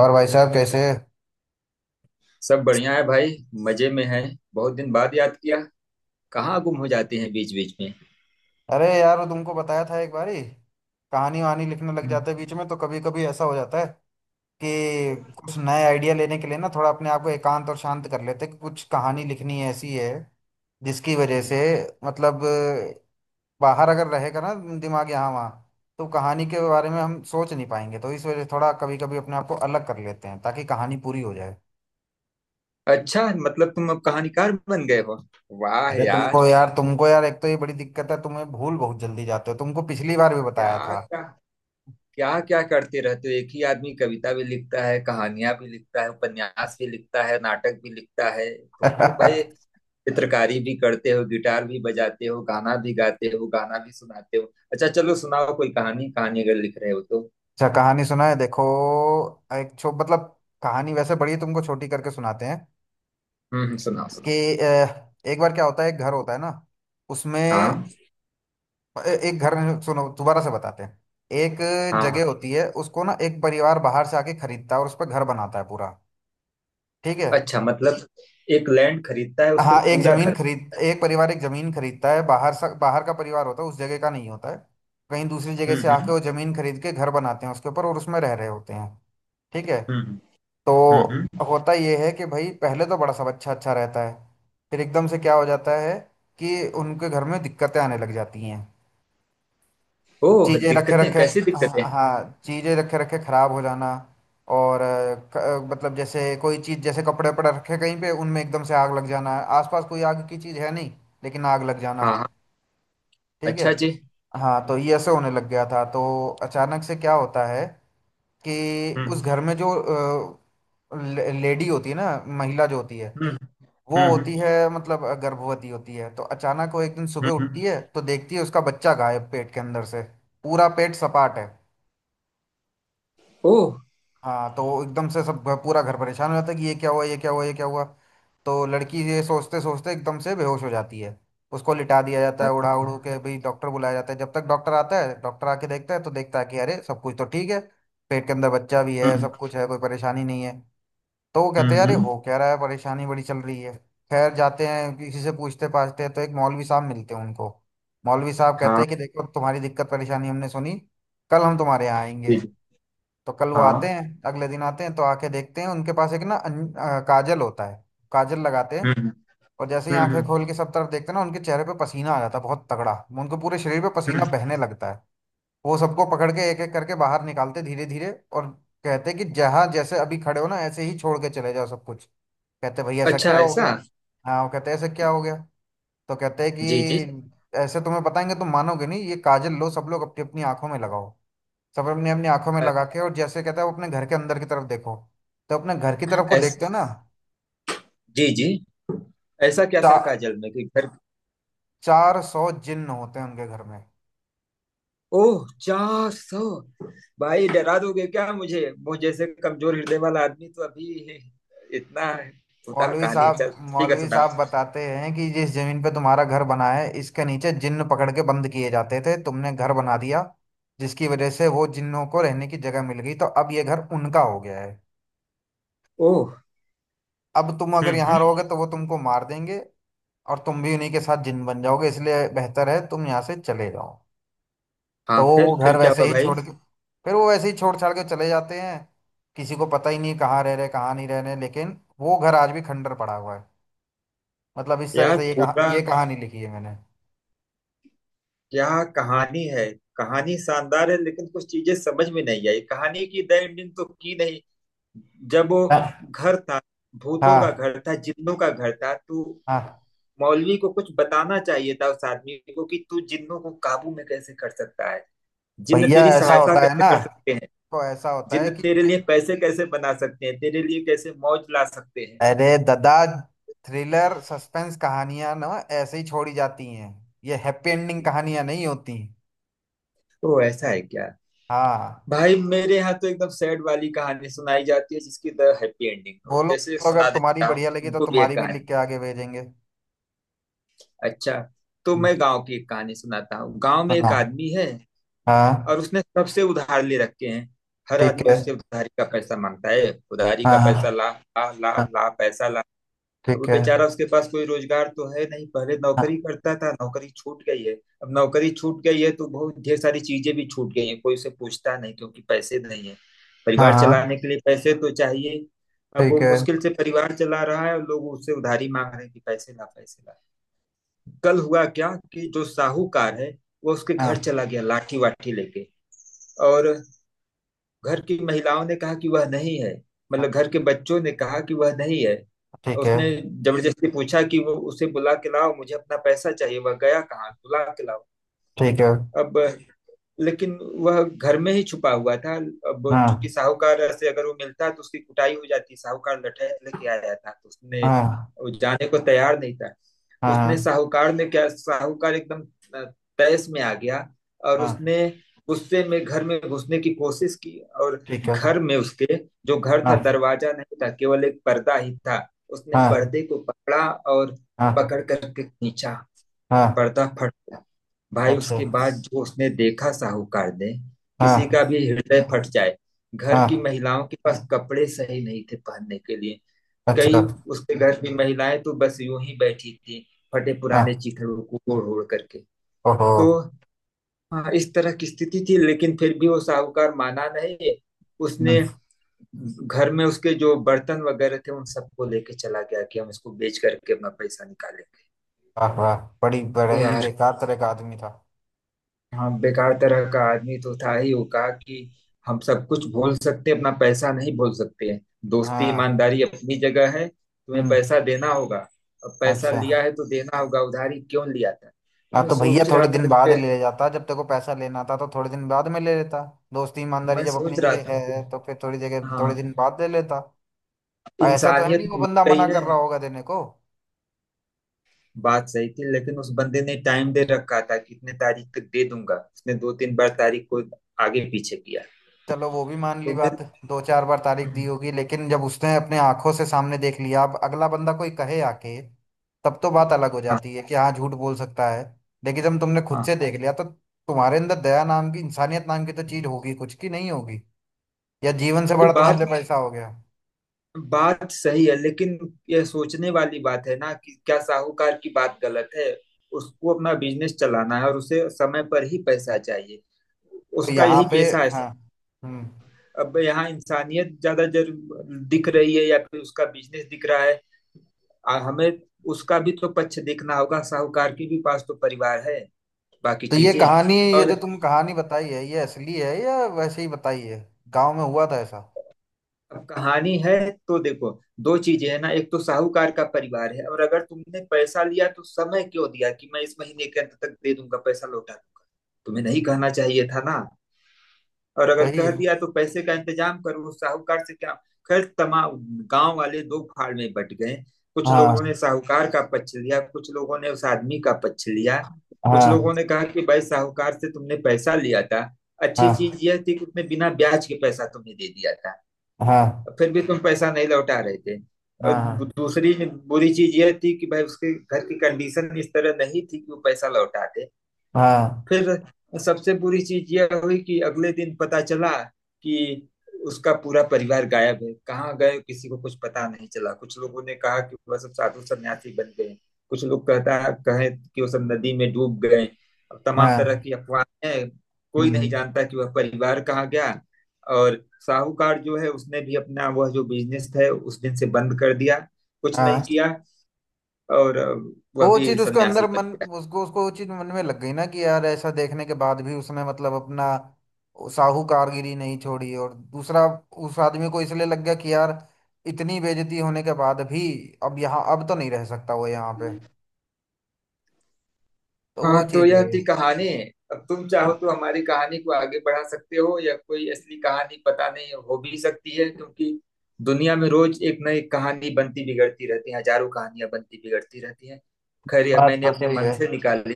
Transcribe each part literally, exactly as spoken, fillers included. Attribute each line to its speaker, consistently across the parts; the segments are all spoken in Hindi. Speaker 1: और भाई साहब कैसे।
Speaker 2: सब बढ़िया है भाई। मजे में है। बहुत दिन बाद याद किया। कहाँ गुम हो जाते हैं बीच बीच में?
Speaker 1: अरे यार, वो तुमको बताया था एक बारी। कहानी वहानी लिखने लग
Speaker 2: हम्म।
Speaker 1: जाते हैं बीच में, तो कभी कभी ऐसा हो जाता है कि कुछ नए आइडिया लेने के लिए ना थोड़ा अपने आप को एकांत और शांत कर लेते हैं कि कुछ कहानी लिखनी ऐसी है जिसकी वजह से मतलब बाहर अगर रहेगा ना, दिमाग यहाँ वहाँ, तो कहानी के बारे में हम सोच नहीं पाएंगे, तो इस वजह से थोड़ा कभी कभी अपने आप को अलग कर लेते हैं ताकि कहानी पूरी हो जाए।
Speaker 2: अच्छा, मतलब तुम अब कहानीकार बन गए हो। वाह
Speaker 1: अरे तुमको
Speaker 2: यार।
Speaker 1: यार, तुमको यार एक तो ये बड़ी दिक्कत है, तुम्हें भूल बहुत जल्दी जाते हो, तुमको पिछली बार भी
Speaker 2: क्या
Speaker 1: बताया
Speaker 2: क्या? क्या क्या करते रहते हो, एक ही आदमी कविता भी लिखता है, कहानियां भी लिखता है, उपन्यास भी लिखता है, नाटक भी लिखता है। तुम तो
Speaker 1: था
Speaker 2: भाई चित्रकारी भी करते हो, गिटार भी बजाते हो, गाना भी गाते हो, गाना भी सुनाते हो। अच्छा चलो सुनाओ कोई कहानी, कहानी अगर लिख रहे हो तो।
Speaker 1: अच्छा कहानी सुना, है देखो, एक छो मतलब कहानी वैसे बड़ी है, तुमको छोटी करके सुनाते हैं
Speaker 2: हम्म हम्म, सुनाओ सुनाओ।
Speaker 1: कि अ, एक बार क्या होता है, एक घर होता है ना, उसमें ए-
Speaker 2: हाँ
Speaker 1: एक घर नहीं, सुनो दोबारा से बताते हैं। एक
Speaker 2: हाँ।
Speaker 1: जगह होती है, उसको ना एक परिवार बाहर से आके खरीदता है और उस पर घर बनाता है पूरा। ठीक है।
Speaker 2: अच्छा मतलब एक लैंड खरीदता है, उस पे
Speaker 1: हाँ, एक
Speaker 2: पूरा
Speaker 1: जमीन
Speaker 2: घर
Speaker 1: खरीद
Speaker 2: बना।
Speaker 1: एक परिवार एक जमीन खरीदता है बाहर से, बाहर का परिवार होता है, उस जगह का नहीं होता है। कहीं दूसरी जगह
Speaker 2: हम्म
Speaker 1: से
Speaker 2: हम्म।
Speaker 1: आके वो जमीन खरीद के घर बनाते हैं उसके ऊपर, और उसमें रह रहे होते हैं। ठीक है।
Speaker 2: हम्म
Speaker 1: तो
Speaker 2: हम्म। हम्म।
Speaker 1: होता ये है कि भाई, पहले तो बड़ा सब अच्छा अच्छा रहता है, फिर एकदम से क्या हो जाता है कि उनके घर में दिक्कतें आने लग जाती हैं।
Speaker 2: ओह,
Speaker 1: चीज़ें रखे
Speaker 2: दिक्कतें
Speaker 1: रखे,
Speaker 2: कैसी दिक्कतें?
Speaker 1: हाँ हाँ, चीज़ें रखे रखे ख़राब हो जाना, और अ, क- अ, मतलब जैसे कोई चीज़ जैसे कपड़े वपड़े रखे कहीं पे, उनमें एकदम से आग लग जाना। आसपास कोई आग की चीज़ है नहीं, लेकिन आग लग जाना।
Speaker 2: हाँ हाँ।
Speaker 1: ठीक है।
Speaker 2: अच्छा जी।
Speaker 1: हाँ, तो ये ऐसे होने लग गया था। तो अचानक से क्या होता है कि उस
Speaker 2: हम्म
Speaker 1: घर में जो अ, ले- लेडी होती है ना, महिला जो होती है,
Speaker 2: हम्म।
Speaker 1: वो
Speaker 2: हम्म
Speaker 1: होती है मतलब अ, गर्भवती होती है। तो अचानक वो एक दिन सुबह उठती
Speaker 2: हम्म।
Speaker 1: है, तो देखती है उसका बच्चा गायब पेट के अंदर से। पूरा पेट सपाट है।
Speaker 2: ओह।
Speaker 1: हाँ, तो वो एकदम से सब घ- पूरा घर परेशान हो जाता है कि ये क्या हुआ, ये क्या हुआ, ये क्या हुआ। तो लड़की ये सोचते सोचते एकदम से बेहोश हो जाती है। उसको लिटा दिया जाता है उड़ा उड़ू
Speaker 2: अच्छा।
Speaker 1: के भाई, डॉक्टर बुलाया जाता है। जब तक डॉक्टर आता है, डॉक्टर आके देखता है तो देखता है कि अरे सब कुछ तो ठीक है। पेट के अंदर बच्चा भी है,
Speaker 2: हम्म
Speaker 1: सब कुछ है, कोई परेशानी नहीं है। तो वो कहते हैं यार, ये
Speaker 2: हम्म।
Speaker 1: हो क्या रहा है, परेशानी बड़ी चल रही है। खैर जाते हैं, किसी से पूछते पाछते हैं तो एक मौलवी साहब मिलते हैं उनको। मौलवी साहब कहते
Speaker 2: हाँ।
Speaker 1: हैं कि देखो, तुम्हारी दिक्कत परेशानी हमने सुनी, कल हम तुम्हारे यहाँ
Speaker 2: जी
Speaker 1: आएंगे।
Speaker 2: जी।
Speaker 1: तो कल वो आते
Speaker 2: हाँ।
Speaker 1: हैं, अगले दिन आते हैं तो आके देखते हैं, उनके पास एक ना अन- अ, काजल होता है। काजल लगाते हैं,
Speaker 2: हम्म
Speaker 1: और जैसे ही आंखें
Speaker 2: हम्म।
Speaker 1: खोल के सब तरफ देखते हैं ना, उनके चेहरे पे पसीना आ जाता है बहुत तगड़ा। उनको पूरे शरीर पे पसीना
Speaker 2: हम्म।
Speaker 1: बहने लगता है। वो सबको पकड़ के एक एक करके बाहर निकालते धीरे धीरे, और कहते कि जहां जैसे अभी खड़े हो ना, ऐसे ही छोड़ के चले जाओ सब कुछ। कहते भाई ऐसा
Speaker 2: अच्छा
Speaker 1: क्या हो
Speaker 2: ऐसा।
Speaker 1: गया। हाँ वो कहते ऐसे क्या हो गया। तो कहते हैं
Speaker 2: जी जी।
Speaker 1: कि ऐसे तुम्हें बताएंगे तुम मानोगे नहीं, ये काजल लो, सब लोग अपनी अपनी आंखों में लगाओ। सब अपनी अपनी आंखों में लगा के, और जैसे कहता है वो, अपने घर के अंदर की तरफ देखो। तो अपने घर की तरफ को
Speaker 2: ऐसा।
Speaker 1: देखते हो ना,
Speaker 2: जी जी। ऐसा क्या था
Speaker 1: चा,
Speaker 2: काजल में कि घर?
Speaker 1: चार सौ जिन्न होते हैं उनके घर में।
Speaker 2: ओह, चार सौ? भाई डरा दोगे क्या मुझे। वो जैसे कमजोर हृदय वाला आदमी तो अभी। इतना है। सुना
Speaker 1: मौलवी
Speaker 2: कहानी है। चल।
Speaker 1: साहब,
Speaker 2: ठीक है,
Speaker 1: मौलवी
Speaker 2: सुना।
Speaker 1: साहब बताते हैं कि जिस जमीन पे तुम्हारा घर बना है, इसके नीचे जिन्न पकड़ के बंद किए जाते थे, तुमने घर बना दिया, जिसकी वजह से वो जिन्नों को रहने की जगह मिल गई, तो अब ये घर उनका हो गया है।
Speaker 2: ओह।
Speaker 1: अब तुम अगर
Speaker 2: हम्म
Speaker 1: यहाँ
Speaker 2: हम्म।
Speaker 1: रहोगे तो वो तुमको मार देंगे, और तुम भी उन्हीं के साथ जिन बन जाओगे, इसलिए बेहतर है तुम यहाँ से चले जाओ। तो
Speaker 2: हाँ
Speaker 1: वो वो
Speaker 2: फिर
Speaker 1: घर
Speaker 2: फिर क्या
Speaker 1: वैसे
Speaker 2: हुआ
Speaker 1: ही
Speaker 2: भाई?
Speaker 1: छोड़ के, फिर वो वैसे ही छोड़ छाड़ के चले जाते हैं। किसी को पता ही नहीं कहाँ रह रहे, कहाँ नहीं रह रहे, लेकिन वो घर आज भी खंडर पड़ा हुआ है। मतलब इस तरह
Speaker 2: यार
Speaker 1: से ये कहा,
Speaker 2: पूरा,
Speaker 1: ये कहानी लिखी है मैंने।
Speaker 2: क्या कहानी है। कहानी शानदार है लेकिन कुछ चीजें समझ में नहीं आई। कहानी की द एंडिंग तो की नहीं। जब वो
Speaker 1: हाँ।
Speaker 2: घर था, भूतों का
Speaker 1: हाँ।
Speaker 2: घर था, जिन्नों का घर था, तो
Speaker 1: हाँ।
Speaker 2: मौलवी को कुछ बताना चाहिए था उस आदमी को कि तू जिन्नों को काबू में कैसे कर सकता है। जिन्न
Speaker 1: भैया
Speaker 2: तेरी
Speaker 1: ऐसा
Speaker 2: सहायता
Speaker 1: होता है
Speaker 2: कैसे
Speaker 1: ना,
Speaker 2: कर सकते हैं?
Speaker 1: तो ऐसा होता है
Speaker 2: जिन्न
Speaker 1: कि
Speaker 2: तेरे लिए पैसे कैसे बना सकते हैं, तेरे लिए कैसे मौज ला सकते हैं?
Speaker 1: अरे दादा, थ्रिलर सस्पेंस कहानियां ना ऐसे ही छोड़ी जाती हैं, ये हैप्पी एंडिंग कहानियां नहीं होती।
Speaker 2: तो ऐसा है क्या?
Speaker 1: हाँ,
Speaker 2: भाई मेरे यहाँ तो एकदम सैड वाली कहानी सुनाई जाती है जिसकी द हैप्पी एंडिंग हो।
Speaker 1: बोलो,
Speaker 2: जैसे
Speaker 1: अगर
Speaker 2: सुना
Speaker 1: तुम्हारी
Speaker 2: देता हूँ
Speaker 1: बढ़िया लगी तो
Speaker 2: तुमको भी एक
Speaker 1: तुम्हारी भी लिख
Speaker 2: कहानी।
Speaker 1: के आगे भेजेंगे।
Speaker 2: अच्छा, तो
Speaker 1: हम्म,
Speaker 2: मैं गांव की एक कहानी सुनाता हूँ। गांव में एक
Speaker 1: सुनाओ।
Speaker 2: आदमी है
Speaker 1: हाँ।
Speaker 2: और उसने सबसे उधार ले रखे हैं। हर
Speaker 1: ठीक
Speaker 2: आदमी
Speaker 1: है।
Speaker 2: उससे उधारी का पैसा मांगता है, उधारी का
Speaker 1: हाँ,
Speaker 2: पैसा
Speaker 1: हाँ।
Speaker 2: ला, ला ला
Speaker 1: हाँ,
Speaker 2: ला पैसा।
Speaker 1: ठीक
Speaker 2: अब बेचारा,
Speaker 1: है।
Speaker 2: उसके पास कोई रोजगार तो है नहीं, पहले नौकरी
Speaker 1: हाँ,
Speaker 2: करता था, नौकरी छूट गई है। अब नौकरी छूट गई है तो बहुत ढेर सारी चीजें भी छूट गई हैं, कोई उसे पूछता नहीं क्योंकि पैसे नहीं है।
Speaker 1: हाँ।
Speaker 2: परिवार
Speaker 1: हाँ,
Speaker 2: चलाने के लिए पैसे तो चाहिए। अब वो
Speaker 1: ठीक है।
Speaker 2: मुश्किल से परिवार चला रहा है और लोग उससे उधारी मांग रहे हैं कि पैसे ला, पैसे ला। कल हुआ क्या कि जो साहूकार है, वो उसके घर
Speaker 1: हाँ,
Speaker 2: चला गया लाठी वाठी लेके। और घर की महिलाओं ने कहा कि वह नहीं है,
Speaker 1: हाँ,
Speaker 2: मतलब घर के बच्चों ने कहा कि वह नहीं है।
Speaker 1: ठीक है।
Speaker 2: उसने जबरदस्ती पूछा कि वो, उसे बुला के लाओ, मुझे अपना पैसा चाहिए, वह गया कहाँ, बुला के लाओ।
Speaker 1: ठीक है।
Speaker 2: अब लेकिन वह घर में ही छुपा हुआ था। अब चूंकि
Speaker 1: हाँ,
Speaker 2: साहूकार से अगर वो मिलता तो उसकी कुटाई हो जाती, साहूकार लठैत लेके आया था, तो उसने,
Speaker 1: हाँ।
Speaker 2: वो जाने को तैयार नहीं था।
Speaker 1: हाँ,
Speaker 2: उसने,
Speaker 1: हाँ।
Speaker 2: साहूकार ने क्या, साहूकार एकदम तैस में आ गया और
Speaker 1: हाँ,
Speaker 2: उसने गुस्से में घर में घुसने की कोशिश की। और
Speaker 1: ठीक है।
Speaker 2: घर में उसके जो घर था,
Speaker 1: हाँ,
Speaker 2: दरवाजा नहीं था, केवल एक पर्दा ही था। उसने
Speaker 1: हाँ।
Speaker 2: पर्दे को पकड़ा और पकड़
Speaker 1: हाँ,
Speaker 2: करके खींचा।
Speaker 1: हाँ।
Speaker 2: पर्दा फट गया। भाई
Speaker 1: अच्छा।
Speaker 2: उसके बाद जो उसने देखा साहूकार ने, किसी
Speaker 1: हाँ,
Speaker 2: का भी हृदय फट जाए। घर की
Speaker 1: हाँ।
Speaker 2: महिलाओं के पास कपड़े सही नहीं थे पहनने के लिए। कई
Speaker 1: अच्छा।
Speaker 2: उसके घर की महिलाएं तो बस यूं ही बैठी थी, फटे पुराने
Speaker 1: हाँ।
Speaker 2: चीथड़ों को ओढ़ ओढ़ करके।
Speaker 1: ओहो।
Speaker 2: तो हाँ, इस तरह की स्थिति थी, लेकिन फिर भी वो साहूकार माना नहीं। उसने
Speaker 1: हम्म,
Speaker 2: घर में उसके जो बर्तन वगैरह थे उन सबको लेके चला गया कि हम इसको बेच करके अपना पैसा निकालेंगे।
Speaker 1: वाह वाह, बड़ी बड़ा
Speaker 2: तो
Speaker 1: ही
Speaker 2: यार,
Speaker 1: बेकार तरह का आदमी था।
Speaker 2: हाँ, बेकार तरह का आदमी तो था ही। वो कहा कि हम सब कुछ भूल सकते हैं, अपना पैसा नहीं भूल सकते हैं। दोस्ती
Speaker 1: हाँ।
Speaker 2: ईमानदारी अपनी जगह है, तुम्हें
Speaker 1: हम्म।
Speaker 2: पैसा देना होगा। अब पैसा
Speaker 1: अच्छा।
Speaker 2: लिया है तो देना होगा, उधारी क्यों लिया था। तो
Speaker 1: हाँ
Speaker 2: मैं
Speaker 1: तो भैया,
Speaker 2: सोच रहा
Speaker 1: थोड़े दिन
Speaker 2: था
Speaker 1: बाद
Speaker 2: कि
Speaker 1: ले जाता, जब तेरे को पैसा लेना था तो थोड़े दिन बाद में ले लेता। दोस्ती ईमानदारी
Speaker 2: मैं
Speaker 1: जब
Speaker 2: सोच
Speaker 1: अपनी
Speaker 2: रहा था
Speaker 1: जगह
Speaker 2: कि
Speaker 1: है तो फिर थोड़ी जगह, थोड़े
Speaker 2: हाँ,
Speaker 1: दिन बाद ले लेता। ऐसा तो है नहीं
Speaker 2: इंसानियत
Speaker 1: वो
Speaker 2: मर
Speaker 1: बंदा मना
Speaker 2: गई
Speaker 1: कर
Speaker 2: है।
Speaker 1: रहा होगा देने को।
Speaker 2: बात सही थी लेकिन उस बंदे ने टाइम दे रखा था कि इतने तारीख तक दे दूंगा। उसने दो तीन बार तारीख को आगे पीछे किया।
Speaker 1: चलो वो भी मान ली
Speaker 2: तो मैं।
Speaker 1: बात। दो चार बार तारीख दी
Speaker 2: हाँ
Speaker 1: होगी, लेकिन जब उसने अपने आंखों से सामने देख लिया, अब अगला बंदा कोई कहे आके, तब तो बात अलग हो
Speaker 2: हाँ
Speaker 1: जाती है कि हाँ झूठ बोल सकता है। लेकिन जब तुमने खुद
Speaker 2: हाँ।
Speaker 1: से देख लिया, तो तुम्हारे अंदर दया नाम की, इंसानियत नाम की तो चीज होगी कुछ, की नहीं होगी। या जीवन से
Speaker 2: भाई
Speaker 1: बड़ा तुम्हारे
Speaker 2: बात
Speaker 1: लिए पैसा हो गया।
Speaker 2: बात सही है, लेकिन यह सोचने वाली बात है ना कि क्या साहूकार की बात गलत है। उसको अपना बिजनेस चलाना है और उसे समय पर ही पैसा चाहिए।
Speaker 1: तो
Speaker 2: उसका
Speaker 1: यहाँ
Speaker 2: यही
Speaker 1: पे,
Speaker 2: पेशा है।
Speaker 1: हाँ, हम्म,
Speaker 2: अब यहाँ इंसानियत ज्यादा जरूर दिख रही है या फिर उसका बिजनेस दिख रहा है। आ, हमें उसका भी तो पक्ष देखना होगा, साहूकार के भी पास तो परिवार है, बाकी
Speaker 1: तो ये
Speaker 2: चीजें
Speaker 1: कहानी, ये
Speaker 2: और।
Speaker 1: जो तुम कहानी बताई है, ये असली है या वैसे ही बताई है। गांव में हुआ था ऐसा।
Speaker 2: अब कहानी है तो देखो, दो चीजें है ना। एक तो साहूकार का परिवार है, और अगर तुमने पैसा लिया तो समय क्यों दिया कि मैं इस महीने के अंत तक दे दूंगा, पैसा लौटा दूंगा। तुम्हें नहीं कहना चाहिए था ना। और अगर
Speaker 1: सही
Speaker 2: कह
Speaker 1: है।
Speaker 2: दिया तो पैसे का इंतजाम करो, उस साहूकार से क्या। खैर, तमाम गांव वाले दो फाड़ में बट गए। कुछ
Speaker 1: हाँ,
Speaker 2: लोगों ने साहूकार का पक्ष लिया, कुछ लोगों ने उस आदमी का पक्ष लिया। कुछ
Speaker 1: हाँ।
Speaker 2: लोगों ने कहा कि भाई साहूकार से तुमने पैसा लिया था, अच्छी चीज
Speaker 1: हाँ,
Speaker 2: यह थी कि उसने बिना ब्याज के पैसा तुम्हें दे दिया था,
Speaker 1: हाँ।
Speaker 2: फिर भी तुम पैसा नहीं लौटा रहे थे। और
Speaker 1: हाँ,
Speaker 2: दू-
Speaker 1: हाँ।
Speaker 2: दूसरी बुरी चीज यह थी कि भाई उसके घर की कंडीशन इस तरह नहीं थी कि वो पैसा लौटा दे।
Speaker 1: हाँ,
Speaker 2: फिर सबसे बुरी चीज यह हुई कि अगले दिन पता चला कि उसका पूरा परिवार गायब है। कहाँ गए, किसी को कुछ पता नहीं चला। कुछ लोगों ने कहा कि वह सब साधु सन्यासी बन गए, कुछ लोग कहता कहे कि वो सब नदी में डूब गए। अब तमाम तरह
Speaker 1: हाँ।
Speaker 2: की अफवाहें हैं, कोई नहीं
Speaker 1: हम्म।
Speaker 2: जानता कि वह परिवार कहाँ गया। और साहूकार जो है, उसने भी अपना वह जो बिजनेस है उस दिन से बंद कर दिया, कुछ
Speaker 1: हाँ,
Speaker 2: नहीं किया, और वह
Speaker 1: तो वो
Speaker 2: भी
Speaker 1: चीज उसको
Speaker 2: सन्यासी
Speaker 1: अंदर
Speaker 2: बन
Speaker 1: मन,
Speaker 2: गया।
Speaker 1: उसको उसको वो चीज मन में लग गई ना कि यार ऐसा देखने के बाद भी उसने मतलब अपना साहूकारगिरी नहीं छोड़ी। और दूसरा, उस आदमी को इसलिए लग गया कि यार, इतनी बेइज्जती होने के बाद भी, अब यहाँ अब तो नहीं रह सकता वो यहाँ पे, तो वो
Speaker 2: हाँ, तो
Speaker 1: चीज
Speaker 2: यह
Speaker 1: हुई है।
Speaker 2: थी कहानी। अब तुम चाहो तो हमारी कहानी को आगे बढ़ा सकते हो, या कोई असली कहानी पता नहीं हो भी सकती है, क्योंकि दुनिया में रोज एक नई कहानी बनती बिगड़ती रहती है, हजारों कहानियां बनती बिगड़ती रहती हैं। खैर, यह
Speaker 1: बात
Speaker 2: मैंने
Speaker 1: तो
Speaker 2: अपने
Speaker 1: सही
Speaker 2: मन
Speaker 1: है।
Speaker 2: से निकाली।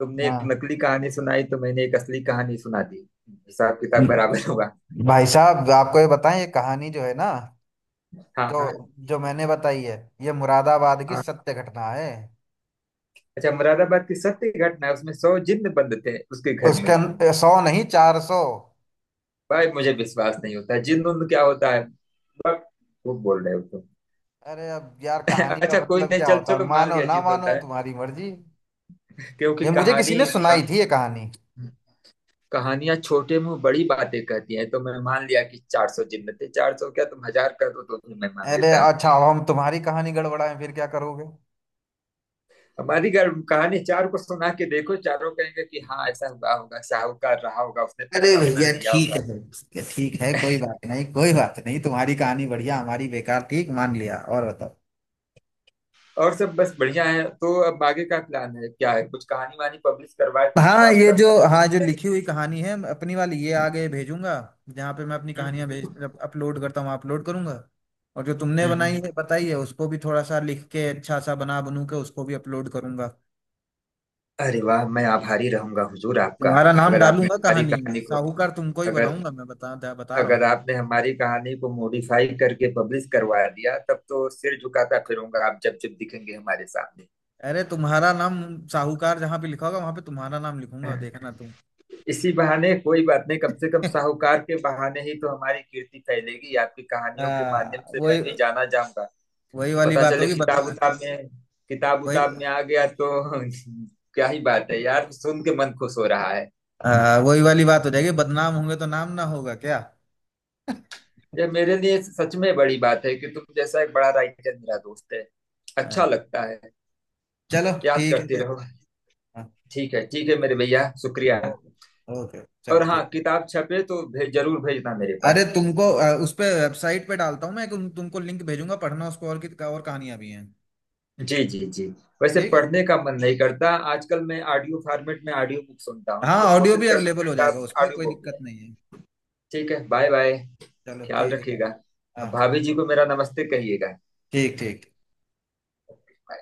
Speaker 2: तुमने एक
Speaker 1: हाँ,
Speaker 2: नकली कहानी सुनाई तो मैंने एक असली कहानी सुना दी, हिसाब किताब बराबर होगा।
Speaker 1: भाई साहब आपको ये बताएं, ये कहानी जो है ना,
Speaker 2: हाँ
Speaker 1: जो
Speaker 2: हाँ
Speaker 1: जो मैंने बताई है, ये मुरादाबाद की
Speaker 2: हाँ।
Speaker 1: सत्य घटना है।
Speaker 2: अच्छा, मुरादाबाद की सत्य घटना है, उसमें सौ जिन्न बंद थे उसके घर
Speaker 1: उसके
Speaker 2: में?
Speaker 1: अं- सौ नहीं, चार सौ।
Speaker 2: भाई मुझे विश्वास नहीं होता, जिन्न उन्न क्या होता है बस, वो बोल रहे हो तुम।
Speaker 1: अरे अब यार कहानी का
Speaker 2: अच्छा कोई
Speaker 1: मतलब
Speaker 2: नहीं,
Speaker 1: क्या
Speaker 2: चल
Speaker 1: होता है,
Speaker 2: चलो मान
Speaker 1: मानो
Speaker 2: लिया,
Speaker 1: ना
Speaker 2: जिद
Speaker 1: मानो
Speaker 2: होता है।
Speaker 1: तुम्हारी मर्जी।
Speaker 2: क्योंकि
Speaker 1: ये मुझे किसी
Speaker 2: कहानी,
Speaker 1: ने
Speaker 2: का,
Speaker 1: सुनाई थी ये कहानी।
Speaker 2: कहानियां छोटे मुंह बड़ी बातें कहती हैं, तो मैं मान लिया कि चार सौ जिन्न थे। चार सौ क्या, तुम हजार कर दो तो भी मैं मान
Speaker 1: अरे
Speaker 2: लेता हूँ।
Speaker 1: अच्छा, अब हम तुम्हारी कहानी गड़बड़ाएं फिर क्या करोगे।
Speaker 2: हमारी घर कहानी चार को सुना के देखो, चारों कहेंगे कि हाँ ऐसा हुआ होगा, साहूकार रहा होगा, उसने
Speaker 1: अरे
Speaker 2: पैसा अपना
Speaker 1: भैया
Speaker 2: लिया
Speaker 1: ठीक
Speaker 2: होगा।
Speaker 1: है, ठीक है, कोई बात नहीं, कोई बात नहीं। तुम्हारी कहानी बढ़िया, हमारी बेकार, ठीक मान लिया। और बताओ।
Speaker 2: और सब बस बढ़िया है। तो अब आगे का प्लान है क्या है, कुछ कहानी वानी पब्लिश करवाए, कुछ
Speaker 1: हाँ
Speaker 2: किताब
Speaker 1: ये
Speaker 2: उताब
Speaker 1: जो, हाँ जो
Speaker 2: छपवाए नहीं?
Speaker 1: लिखी हुई कहानी है, मैं अपनी वाली ये आगे भेजूंगा, जहाँ पे मैं अपनी कहानियां भेज,
Speaker 2: हम्म,
Speaker 1: अपलोड करता हूँ, अपलोड करूंगा। और जो तुमने
Speaker 2: हम्म, हम्म।
Speaker 1: बनाई है बताई है उसको भी थोड़ा सा लिख के अच्छा सा बना बनू के उसको भी अपलोड करूंगा।
Speaker 2: अरे वाह, मैं आभारी रहूंगा हुजूर आपका।
Speaker 1: तुम्हारा नाम
Speaker 2: अगर आपने
Speaker 1: डालूंगा
Speaker 2: हमारी
Speaker 1: कहानी में,
Speaker 2: कहानी को
Speaker 1: साहूकार तुमको ही
Speaker 2: अगर
Speaker 1: बनाऊंगा मैं, बता बता रहा हूँ।
Speaker 2: अगर आपने हमारी कहानी को मॉडिफाई करके पब्लिश करवा दिया, तब तो सिर झुकाता फिरूंगा आप जब जब दिखेंगे हमारे सामने।
Speaker 1: अरे तुम्हारा नाम, साहूकार जहाँ पे लिखा होगा वहां पे तुम्हारा नाम लिखूंगा, देखना तुम
Speaker 2: इसी बहाने कोई बात नहीं, कम से कम साहूकार के बहाने ही तो हमारी कीर्ति फैलेगी आपकी कहानियों के माध्यम
Speaker 1: हाँ,
Speaker 2: से, मैं
Speaker 1: वही,
Speaker 2: भी जाना जाऊंगा।
Speaker 1: वही वाली
Speaker 2: पता
Speaker 1: बात
Speaker 2: चले
Speaker 1: होगी
Speaker 2: किताब
Speaker 1: बदना
Speaker 2: उताब में, किताब
Speaker 1: वही,
Speaker 2: उताब में आ गया तो क्या ही बात है यार, सुन के मन खुश हो रहा है।
Speaker 1: हाँ, वही वाली बात हो जाएगी, बदनाम होंगे तो नाम ना होगा क्या।
Speaker 2: यह मेरे लिए सच में बड़ी बात है कि तुम जैसा एक बड़ा राइटर मेरा दोस्त है। अच्छा
Speaker 1: हाँ,
Speaker 2: लगता है।
Speaker 1: चलो
Speaker 2: याद
Speaker 1: ठीक है
Speaker 2: करते
Speaker 1: फिर।
Speaker 2: रहो।
Speaker 1: हाँ।
Speaker 2: ठीक है ठीक है मेरे भैया, शुक्रिया।
Speaker 1: ओके, ओके,
Speaker 2: और
Speaker 1: चलो
Speaker 2: हाँ,
Speaker 1: ठीक।
Speaker 2: किताब छपे तो भे, जरूर भेजना मेरे
Speaker 1: अरे
Speaker 2: पास।
Speaker 1: तुमको अ, उस पे वेबसाइट पे डालता हूँ मैं, तुम तुमको लिंक भेजूंगा, पढ़ना उसको, और की और कहानियां भी हैं।
Speaker 2: जी जी जी। वैसे
Speaker 1: ठीक है।
Speaker 2: पढ़ने का मन नहीं करता आजकल, मैं ऑडियो फॉर्मेट में ऑडियो बुक सुनता हूँ,
Speaker 1: हाँ
Speaker 2: तो
Speaker 1: ऑडियो
Speaker 2: कोशिश
Speaker 1: भी
Speaker 2: करना
Speaker 1: अवेलेबल हो जाएगा,
Speaker 2: किताब
Speaker 1: उसमें
Speaker 2: ऑडियो
Speaker 1: कोई
Speaker 2: बुक भी
Speaker 1: दिक्कत
Speaker 2: है।
Speaker 1: नहीं है।
Speaker 2: ठीक है, बाय बाय।
Speaker 1: चलो
Speaker 2: ख्याल
Speaker 1: ठीक है।
Speaker 2: रखिएगा।
Speaker 1: हाँ।
Speaker 2: अब भाभी जी को मेरा नमस्ते कहिएगा।
Speaker 1: ठीक ठीक।
Speaker 2: बाय।